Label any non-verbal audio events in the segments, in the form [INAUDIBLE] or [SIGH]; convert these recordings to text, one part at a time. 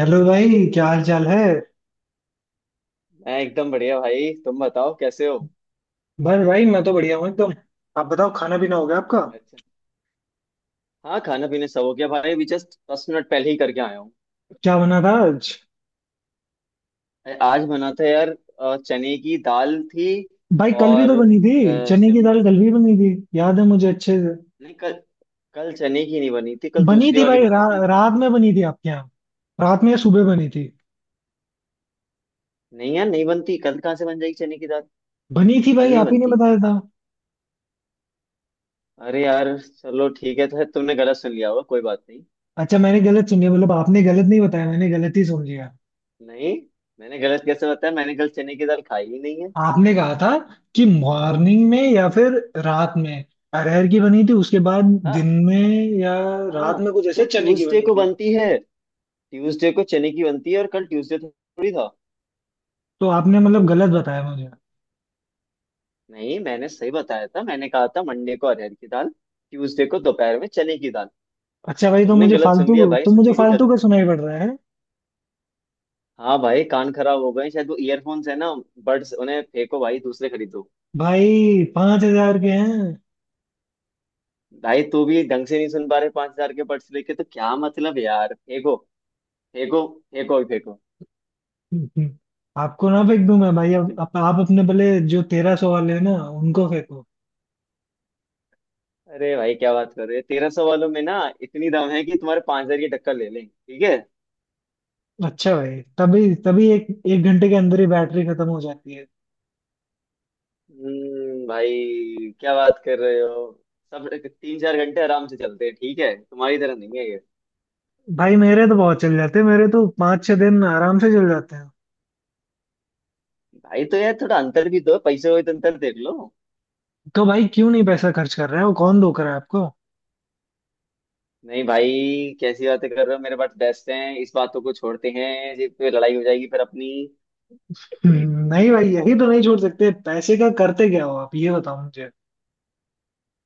Hello भाई, क्या हाल चाल है। मैं एकदम बढ़िया भाई। तुम बताओ कैसे हो? बस भाई, मैं तो बढ़िया हूँ एकदम। आप बताओ, खाना पीना हो गया आपका। अच्छा। हाँ, खाना पीना सब हो गया भाई। अभी जस्ट 10 मिनट पहले ही करके आया हूँ। क्या बना था आज। अरे, आज बना था यार। चने की दाल थी। भाई कल भी और तो बनी थी। चने की शिम। दाल कल भी बनी थी, याद है मुझे अच्छे से। नहीं, कल। कल चने की नहीं बनी थी। कल बनी दूसरी थी वाली भाई, बनी रा, थी। रात में बनी थी आपके यहाँ। रात में या सुबह बनी थी। नहीं यार, नहीं बनती। कल कहाँ से बन जाएगी चने की दाल? बनी थी कल भाई नहीं आप ही ने बनती। बताया था। अरे यार, चलो ठीक है तो तुमने गलत सुन लिया होगा। कोई बात नहीं। अच्छा, मैंने गलत सुन लिया, मतलब आपने गलत नहीं बताया, मैंने गलत ही सुन लिया। नहीं। मैंने गलत कैसे बताया? मैंने कल चने की दाल खाई ही नहीं है। आपने कहा था कि मॉर्निंग में या फिर रात में अरहर की बनी थी, उसके बाद दिन हाँ। में या हाँ। रात में कुछ तो ऐसे चने की ट्यूसडे बनी को थी। बनती है। ट्यूसडे को चने की बनती है और कल ट्यूसडे थोड़ी था। तो आपने मतलब गलत बताया मुझे। नहीं, मैंने सही बताया था। मैंने कहा था मंडे को अरहर की दाल। ट्यूसडे को दोपहर में चने की दाल। अच्छा अब भाई, तो तुमने मुझे गलत सुन फालतू लिया भाई। तो इसमें मुझे मेरी क्या फालतू का गलती? सुनाई पड़ रहा है। हाँ भाई, कान खराब हो गए शायद। वो ईयरफोन्स है ना? बड्स उन्हें फेंको भाई, दूसरे खरीदो। भाई 5,000 के हैं। भाई तू भी ढंग से नहीं सुन पा रहे। 5,000 के बड्स लेके तो क्या मतलब यार? फेंको। फेंको। फेंको ही फेंको। आपको ना फेंक दूं मैं भाई, अब [LAUGHS] अब आप अपने भले। जो 1,300 वाले हैं ना उनको फेंको। अरे भाई, क्या बात कर रहे हो? 1,300 वालों में ना इतनी दम है कि तुम्हारे 5,000 की टक्कर ले लें, ठीक है। अच्छा भाई, तभी तभी एक एक घंटे के अंदर ही बैटरी खत्म हो जाती है। भाई क्या बात कर रहे हो? सब 3-4 घंटे आराम से चलते हैं, ठीक है। तुम्हारी तरह नहीं है ये। भाई मेरे तो बहुत चल जाते हैं, मेरे तो 5-6 दिन आराम से चल जाते हैं। भाई तो यार थोड़ा अंतर भी दो। पैसे हो तो अंतर देख लो। तो भाई क्यों नहीं पैसा खर्च कर रहे हो, कौन धोखा रहा है आपको। नहीं भाई। कैसी बातें कर रहे हो? मेरे पास बेस्ट हैं। इस बातों को छोड़ते हैं जी, फिर लड़ाई हो जाएगी फिर अपनी। हम्म, नहीं भाई, यही तो नहीं छोड़ सकते। पैसे का करते क्या हो आप, ये बताओ मुझे।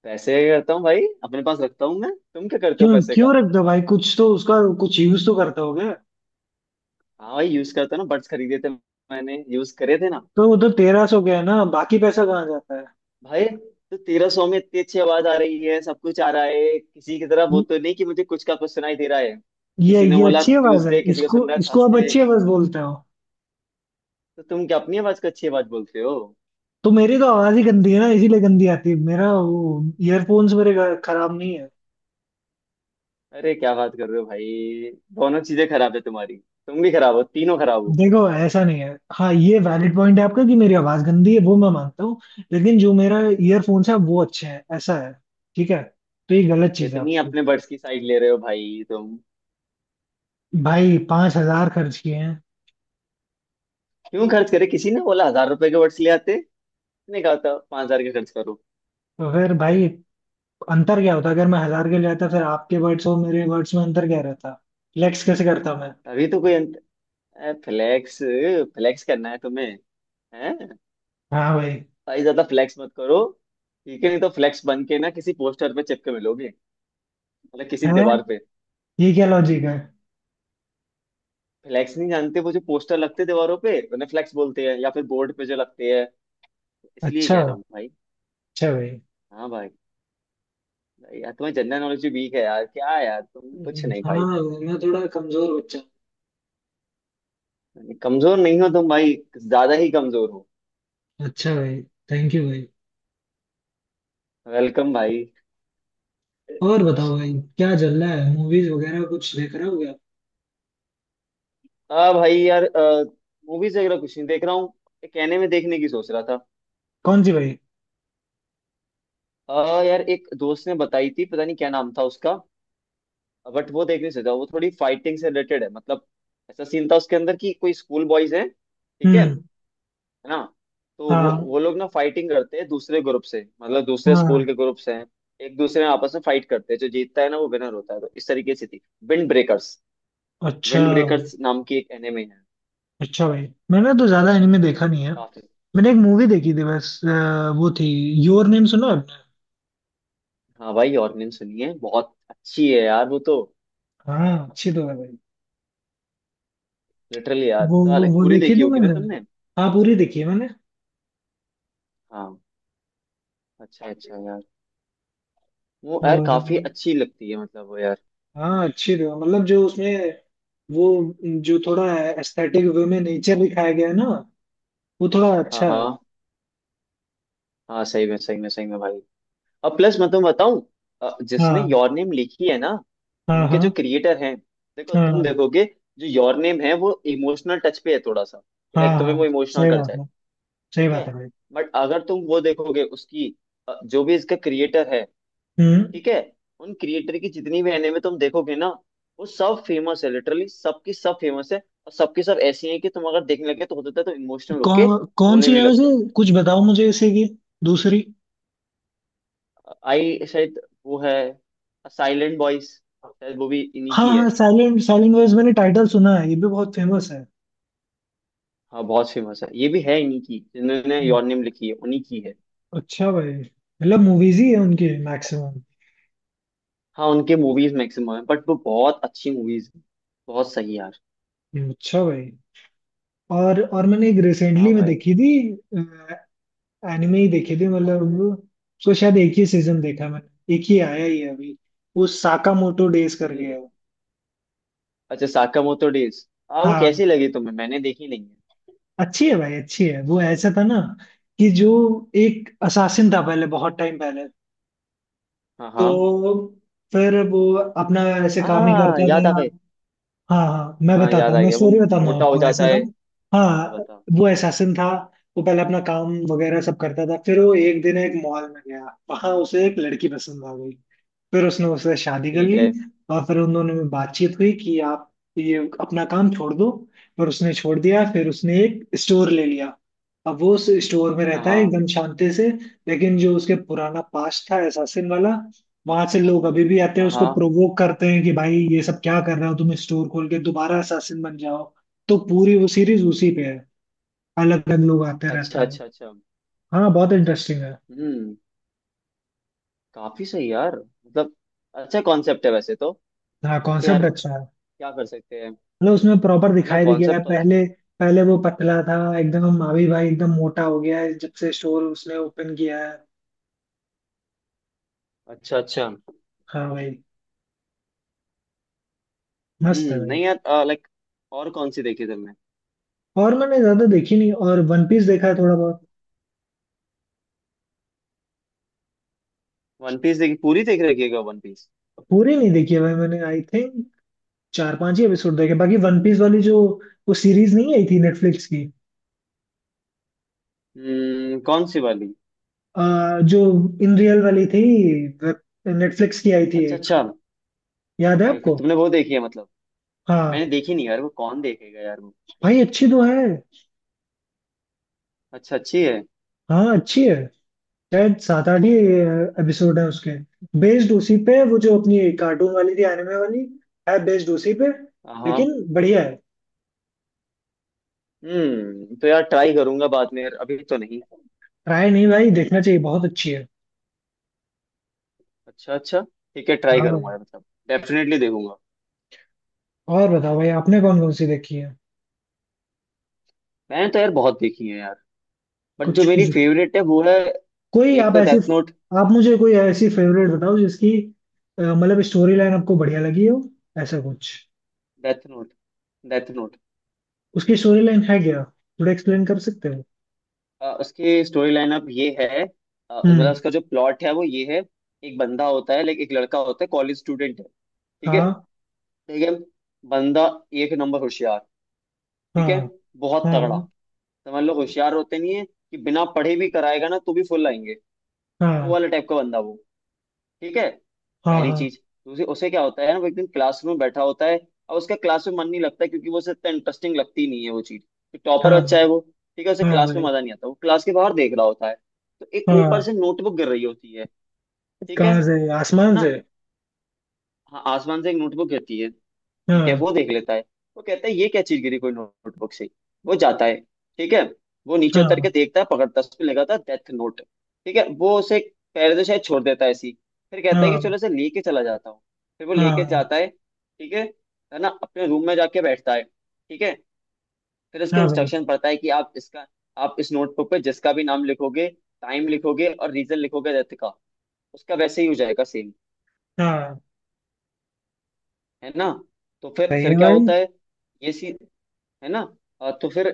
पैसे करता हूँ भाई, अपने पास रखता हूँ मैं। तुम क्या करते हो क्यों पैसे का? क्यों रखता भाई, कुछ तो उसका कुछ यूज तो करता हो गया। हाँ भाई, यूज करता हूँ ना। बड्स खरीदे थे। मैंने यूज करे थे ना। तो वो तो 1,300 गया ना, बाकी पैसा कहाँ जाता है। भाई, तो 1,300 में इतनी अच्छी आवाज आ रही है, सब कुछ आ रहा है। किसी की तरह वो ये तो नहीं कि मुझे कुछ का कुछ सुनाई दे रहा है। ये किसी ने ये बोला अच्छी आवाज है, ट्यूसडे, किसी को इसको सुन रहा है इसको आप थर्सडे। अच्छी आवाज बोलते हो। तो तुम क्या अपनी आवाज को अच्छी आवाज बोलते हो? तो मेरी तो आवाज ही गंदी है ना, इसीलिए गंदी आती है। मेरा वो ईयरफोन्स, खराब नहीं है। अरे क्या बात कर रहे हो भाई। दोनों चीजें खराब है तुम्हारी, तुम भी खराब हो, तीनों खराब हो। देखो ऐसा नहीं है, हाँ ये वैलिड पॉइंट है आपका कि मेरी आवाज गंदी है, वो मैं मानता हूँ। लेकिन जो मेरा ईयरफोन्स है वो अच्छे हैं, ऐसा है। ठीक है। तो ये गलत चीज है कितनी आपकी। अपने बर्ड्स की साइड ले रहे हो भाई तुम। भाई पांच हजार खर्च किए हैं। क्यों खर्च करे? किसी ने बोला 1,000 रुपए के बर्ड्स ले आते? नहीं कहा था 5,000 के खर्च करो। तो फिर भाई अंतर क्या होता अगर मैं हजार के ले आता, फिर आपके वर्ड्स और मेरे वर्ड्स में अंतर क्या रहता। फ्लेक्स कैसे करता मैं। अभी तो कोई। फ्लेक्स। फ्लेक्स करना है तुम्हें? है? हाँ भाई। भाई ज्यादा फ्लेक्स मत करो। ठीक है, नहीं तो फ्लेक्स बन के ना किसी पोस्टर पे चिपके मिलोगे। मतलब किसी है। दीवार पे। ये क्या लॉजिक है। फ्लेक्स नहीं जानते? वो जो पोस्टर लगते हैं दीवारों पे उन्हें फ्लेक्स बोलते हैं, या फिर बोर्ड पे जो लगते हैं। इसलिए अच्छा, कह रहा हूँ भाई। अच्छा भाई। हाँ भाई। भाई यार, तुम्हारी जनरल नॉलेज भी वीक है यार। क्या यार तुम, कुछ नहीं भाई। हाँ। मैं थोड़ा कमजोर बच्चा कमजोर नहीं हो तुम भाई। ज्यादा ही कमजोर हो। हूँ। अच्छा भाई, थैंक यू भाई। वेलकम भाई। और बताओ भाई क्या चल रहा है, मूवीज वगैरह कुछ देख रहे हो क्या। हाँ भाई यार। मूवीज वगैरह कुछ नहीं देख रहा हूँ। कहने में देखने की सोच रहा था। कौन सी भाई। यार एक दोस्त ने बताई थी, पता नहीं क्या नाम था उसका। बट वो देख नहीं सकता, वो थोड़ी फाइटिंग से रिलेटेड है मतलब। ऐसा सीन था उसके अंदर कि कोई स्कूल बॉयज हैं, ठीक है, है। हम्म। ना। तो वो हाँ। वो लोग ना फाइटिंग करते हैं दूसरे ग्रुप से, मतलब दूसरे हाँ। स्कूल के ग्रुप से हैं। एक दूसरे में आपस में फाइट करते हैं, जो जीतता है ना वो विनर होता है, तो इस तरीके से थी। Wind breakers. अच्छा। विंड ब्रेकर्स नाम की एक एनिमे है। अच्छा भाई, मैंने तो ज्यादा एनिमे देखा नहीं है। काफी। मैंने एक मूवी देखी थी बस, वो थी। योर नेम सुना है आपने। हाँ भाई, और नहीं सुनी है? बहुत अच्छी है यार वो तो। हाँ अच्छी तो है भाई। लिटरली यार वो तो, वो like, वो पूरी देखी देखी थी होगी ना मैंने। तुमने? हाँ पूरी देखी है मैंने। हाँ। अच्छा, अच्छा यार। वो यार और काफी अच्छी लगती है, मतलब वो यार। हाँ अच्छी थी, मतलब जो उसमें, वो जो थोड़ा एस्थेटिक वे में नेचर दिखाया गया है ना, वो थोड़ा हाँ, अच्छा है। हाँ। हाँ, सही में, सही में, सही में भाई। अब प्लस मैं तुम्हें बताऊं। जिसने हाँ। योर नेम लिखी है ना? हाँ। उनके जो हाँ। क्रिएटर हैं। देखो, तुम हाँ। देखोगे। जो योर नेम है वो इमोशनल टच पे है थोड़ा सा। हाँ। लाइक, तुम्हें वो हाँ। इमोशनल सही कर बात जाए। है, सही ठीक है। बात है भाई। बट अगर तुम वो देखोगे उसकी। जो भी इसका क्रिएटर है। हम्म ठीक है। उन क्रिएटर की जितनी भी एनिमे तुम देखोगे ना। वो सब फेमस है, लिटरली सबकी सब फेमस है। और सबकी सब ऐसी है कि तुम अगर देखने लगे तो होता है, तो इमोशनल होके। कौन कौन रोने सी भी है लग वैसे। जाओ। कुछ बताओ मुझे इसे की दूसरी। आई शायद। वो है। साइलेंट बॉयज शायद वो भी इन्हीं हाँ, की है। हाँ, साइलेंट, साइलेंट वॉइस मैंने टाइटल सुना है, ये भी बहुत फेमस है। हाँ बहुत फेमस है, ये भी है इन्हीं की, जिन्होंने हम्म, योर नेम लिखी है उन्हीं की है। अच्छा भाई मतलब मूवीज ही है उनके मैक्सिमम। हाँ, उनके मूवीज मैक्सिमम है, बट वो बहुत अच्छी मूवीज हैं। बहुत सही यार। अच्छा भाई, और मैंने एक हाँ रिसेंटली में भाई। देखी थी। एनिमे ही देखी थी, मतलब उसको शायद एक ही सीजन देखा मैंने, एक ही आया ही है अभी। वो साकामोटो डेज करके हम्म, है वो। अच्छा, साकामोतो डेज, हाँ वो हाँ कैसी लगी तुम्हें? मैंने देखी नहीं है। अच्छी है भाई, अच्छी है। वो ऐसा था ना कि जो एक असासिन था पहले, बहुत टाइम पहले। हाँ, तो हाँ। फिर वो अपना ऐसे काम ही आ करता था। याद आ गए। हाँ हाँ मैं हाँ, बताता याद हूँ, आ मैं गया वो। स्टोरी बताता हूँ मोटा हो आपको, ऐसा जाता था। है। हाँ, हाँ हाँ। बता। वो एसासिन था, वो पहले अपना काम वगैरह सब करता था, फिर वो एक दिन एक मॉल में गया, वहां उसे एक लड़की पसंद आ गई, फिर उसने उससे शादी कर ठीक ली। है। और फिर उन दोनों में बातचीत हुई कि आप ये अपना काम छोड़ दो। पर उसने छोड़ दिया, फिर उसने एक स्टोर ले लिया। अब वो उस स्टोर में हाँ, रहता है हाँ। एकदम शांति से। लेकिन जो उसके पुराना पास्ट था एसासिन वाला, वहां से लोग अभी भी आते हैं, हाँ, उसको हाँ। प्रोवोक करते हैं कि भाई ये सब क्या कर रहे हो तुम, स्टोर खोल के दोबारा एसासिन बन जाओ। तो पूरी वो सीरीज उसी पे है, अलग अलग लोग आते रहते अच्छा, हैं। अच्छा, अच्छा। हाँ बहुत इंटरेस्टिंग है। हम्म। काफी सही यार, मतलब। अच्छा कॉन्सेप्ट है वैसे तो। हाँ बट कॉन्सेप्ट यार। अच्छा है। क्या कर सकते हैं। मतलब उसमें प्रॉपर है ना, दिखाया भी गया है, कॉन्सेप्ट तो अच्छा है। पहले, पहले वो पतला था एकदम, अभी भाई एकदम मोटा हो गया है जब से स्टोर उसने ओपन किया है। अच्छा, अच्छा। हाँ भाई मस्त है भाई। नहीं यार। लाइक। और कौन सी देखी तुमने? और मैंने ज्यादा देखी नहीं, और वन पीस देखा है थोड़ा बहुत। वन पीस देखी, पूरी देख रखी है क्या वन पीस? पूरी नहीं देखी है भाई मैंने, आई थिंक 4-5 ही एपिसोड देखे। बाकी वन पीस वाली जो वो सीरीज नहीं आई थी नेटफ्लिक्स की, कौन सी वाली? जो इन रियल वाली थी, नेटफ्लिक्स की आई थी अच्छा, एक। अच्छा। याद है ओके, ओके, आपको। तुमने वो देखी है मतलब? मैंने हाँ देखी नहीं यार, वो कौन देखेगा यार वो। भाई अच्छी तो है। अच्छा, अच्छी है। हाँ अच्छी है, शायद 7-8 ही अरे। एपिसोड है उसके। बेस्ड उसी पे है, वो जो अपनी कार्टून वाली थी एनिमे वाली, है बेस्ड उसी पे। हाँ। लेकिन बढ़िया है। तो यार ट्राई करूंगा बाद में यार, अभी तो नहीं। ट्राई नहीं भाई, देखना चाहिए, बहुत अच्छी है। अच्छा, अच्छा। ठीक है, ट्राई हाँ भाई। करूंगा यार, मतलब डेफिनेटली देखूंगा। और बताओ भाई आपने कौन कौन सी देखी है। मैंने तो यार बहुत देखी है यार। बट जो कुछ मेरी कुछ फेवरेट है वो है। कोई एक आप तो ऐसी। Death Note. आप मुझे कोई ऐसी फेवरेट बताओ जिसकी, मतलब स्टोरी लाइन आपको बढ़िया लगी हो, ऐसा कुछ। Death Note. Death Note. उसकी स्टोरी लाइन है क्या, थोड़ा एक्सप्लेन कर सकते हो। उसकी स्टोरी लाइन अप ये है, मतलब हम्म। उसका जो प्लॉट है वो ये है। एक बंदा होता है, लाइक एक लड़का होता है, कॉलेज स्टूडेंट है, ठीक है। हाँ। ठीक है। बंदा। एक नंबर होशियार। ठीक है। हाँ। बहुत तगड़ा। हाँ। समझ लो, होशियार होते नहीं है कि बिना पढ़े भी कराएगा ना तो भी फुल आएंगे। वो हाँ। वाला टाइप का बंदा वो। ठीक है। हाँ। पहली हाँ। चीज। दूसरी, उसे क्या होता है ना, वो एक दिन क्लास में बैठा होता है। और उसका क्लास में मन नहीं लगता क्योंकि वो उसे इतना इंटरेस्टिंग लगती नहीं है वो चीज, तो हाँ। टॉपर बच्चा है वो। हाँ। ठीक है, उसे हाँ क्लास में भाई। मजा नहीं आता, वो क्लास के बाहर देख रहा होता है। तो एक ऊपर हाँ। से नोटबुक गिर रही होती है। ठीक है कहाँ से, है आसमान ना? से। हाँ, आसमान से एक नोटबुक गिरती है। ठीक है, हाँ। वो देख लेता है। वो कहता है, ये क्या चीज गिरी? कोई नोटबुक से। वो जाता है। ठीक है। वो नीचे उतर के हाँ। देखता है, पकड़ता है, उस पे लगा था डेथ नोट। ठीक है, वो उसे। पैर से शायद छोड़ देता है ऐसी। फिर कहता है कि चलो हाँ। इसे लेके चला जाता हूँ। फिर वो लेके हाँ। जाता है, ठीक है। है ना, अपने रूम में जाके बैठता है, ठीक है। फिर उसके हाँ भाई। इंस्ट्रक्शन पढ़ता है कि आप इसका। आप इस नोटबुक पे जिसका भी नाम लिखोगे, टाइम लिखोगे और रीजन लिखोगे डेथ का। उसका वैसे ही हो जाएगा सेम। हाँ है ना। तो फिर सही फिर है क्या भाई। होता है? ये सी। है ना। तो फिर।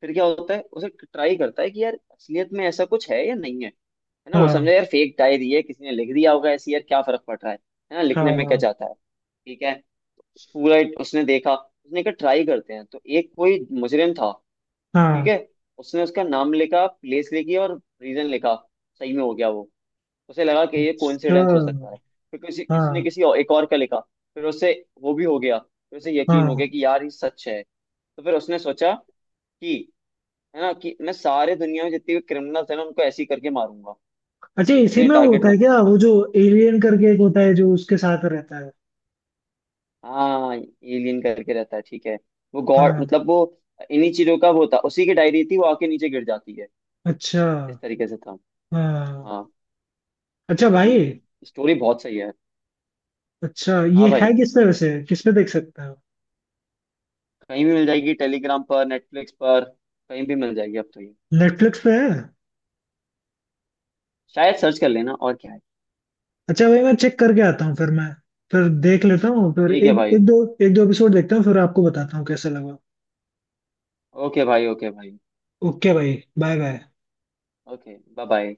फिर क्या होता है? उसे ट्राई करता है कि यार असलियत में ऐसा कुछ है या नहीं है, है ना। वो हाँ। समझे यार फेक डायरी है, किसी ने लिख दिया होगा ऐसी, यार क्या फर्क पड़ रहा है। है ना, हाँ। लिखने में क्या हाँ। जाता है, ठीक है। पूरा एक उसने देखा, उसने कहा ट्राई करते हैं तो एक कोई मुजरिम था। ठीक हाँ। है। उसने उसका नाम लिखा, प्लेस लिखी और रीजन लिखा। सही में हो गया वो। उसे लगा कि ये कोइंसिडेंस हो sure। सकता है। फिर किसी किसी ने हाँ। किसी और, एक और का लिखा। फिर उसे। वो भी हो गया, फिर उसे यकीन हो गया हाँ। कि यार ये सच है। तो फिर उसने सोचा। कि। है ना, कि मैं सारे दुनिया में जितने भी क्रिमिनल्स हैं ना उनको ऐसे ही करके मारूंगा। अच्छा इसी उसने में टारगेट होता है क्या, बनाया। वो जो एलियन करके एक होता है जो उसके साथ रहता है। हाँ, एलियन करके रहता है, ठीक है। वो गॉड हाँ। मतलब वो। इन्हीं चीजों का वो था, उसी की डायरी थी, वो आके नीचे गिर जाती है। अच्छा। इस तरीके से था। हाँ। हाँ। अच्छा भाई। स्टोरी बहुत सही है। अच्छा, हाँ ये भाई। है किस पे वैसे, किस पे देख सकते हो। कहीं भी मिल जाएगी, टेलीग्राम पर, नेटफ्लिक्स पर। कहीं भी मिल जाएगी अब तो ये। नेटफ्लिक्स पे है। शायद सर्च कर लेना, और क्या है। अच्छा भाई, मैं चेक करके आता हूँ, फिर मैं फिर देख लेता हूँ। फिर ठीक है एक भाई। एक दो एपिसोड देखता हूँ, फिर आपको बताता हूँ कैसा लगा। ओके भाई, ओके भाई। ओके भाई, bye bye. Okay, bye bye.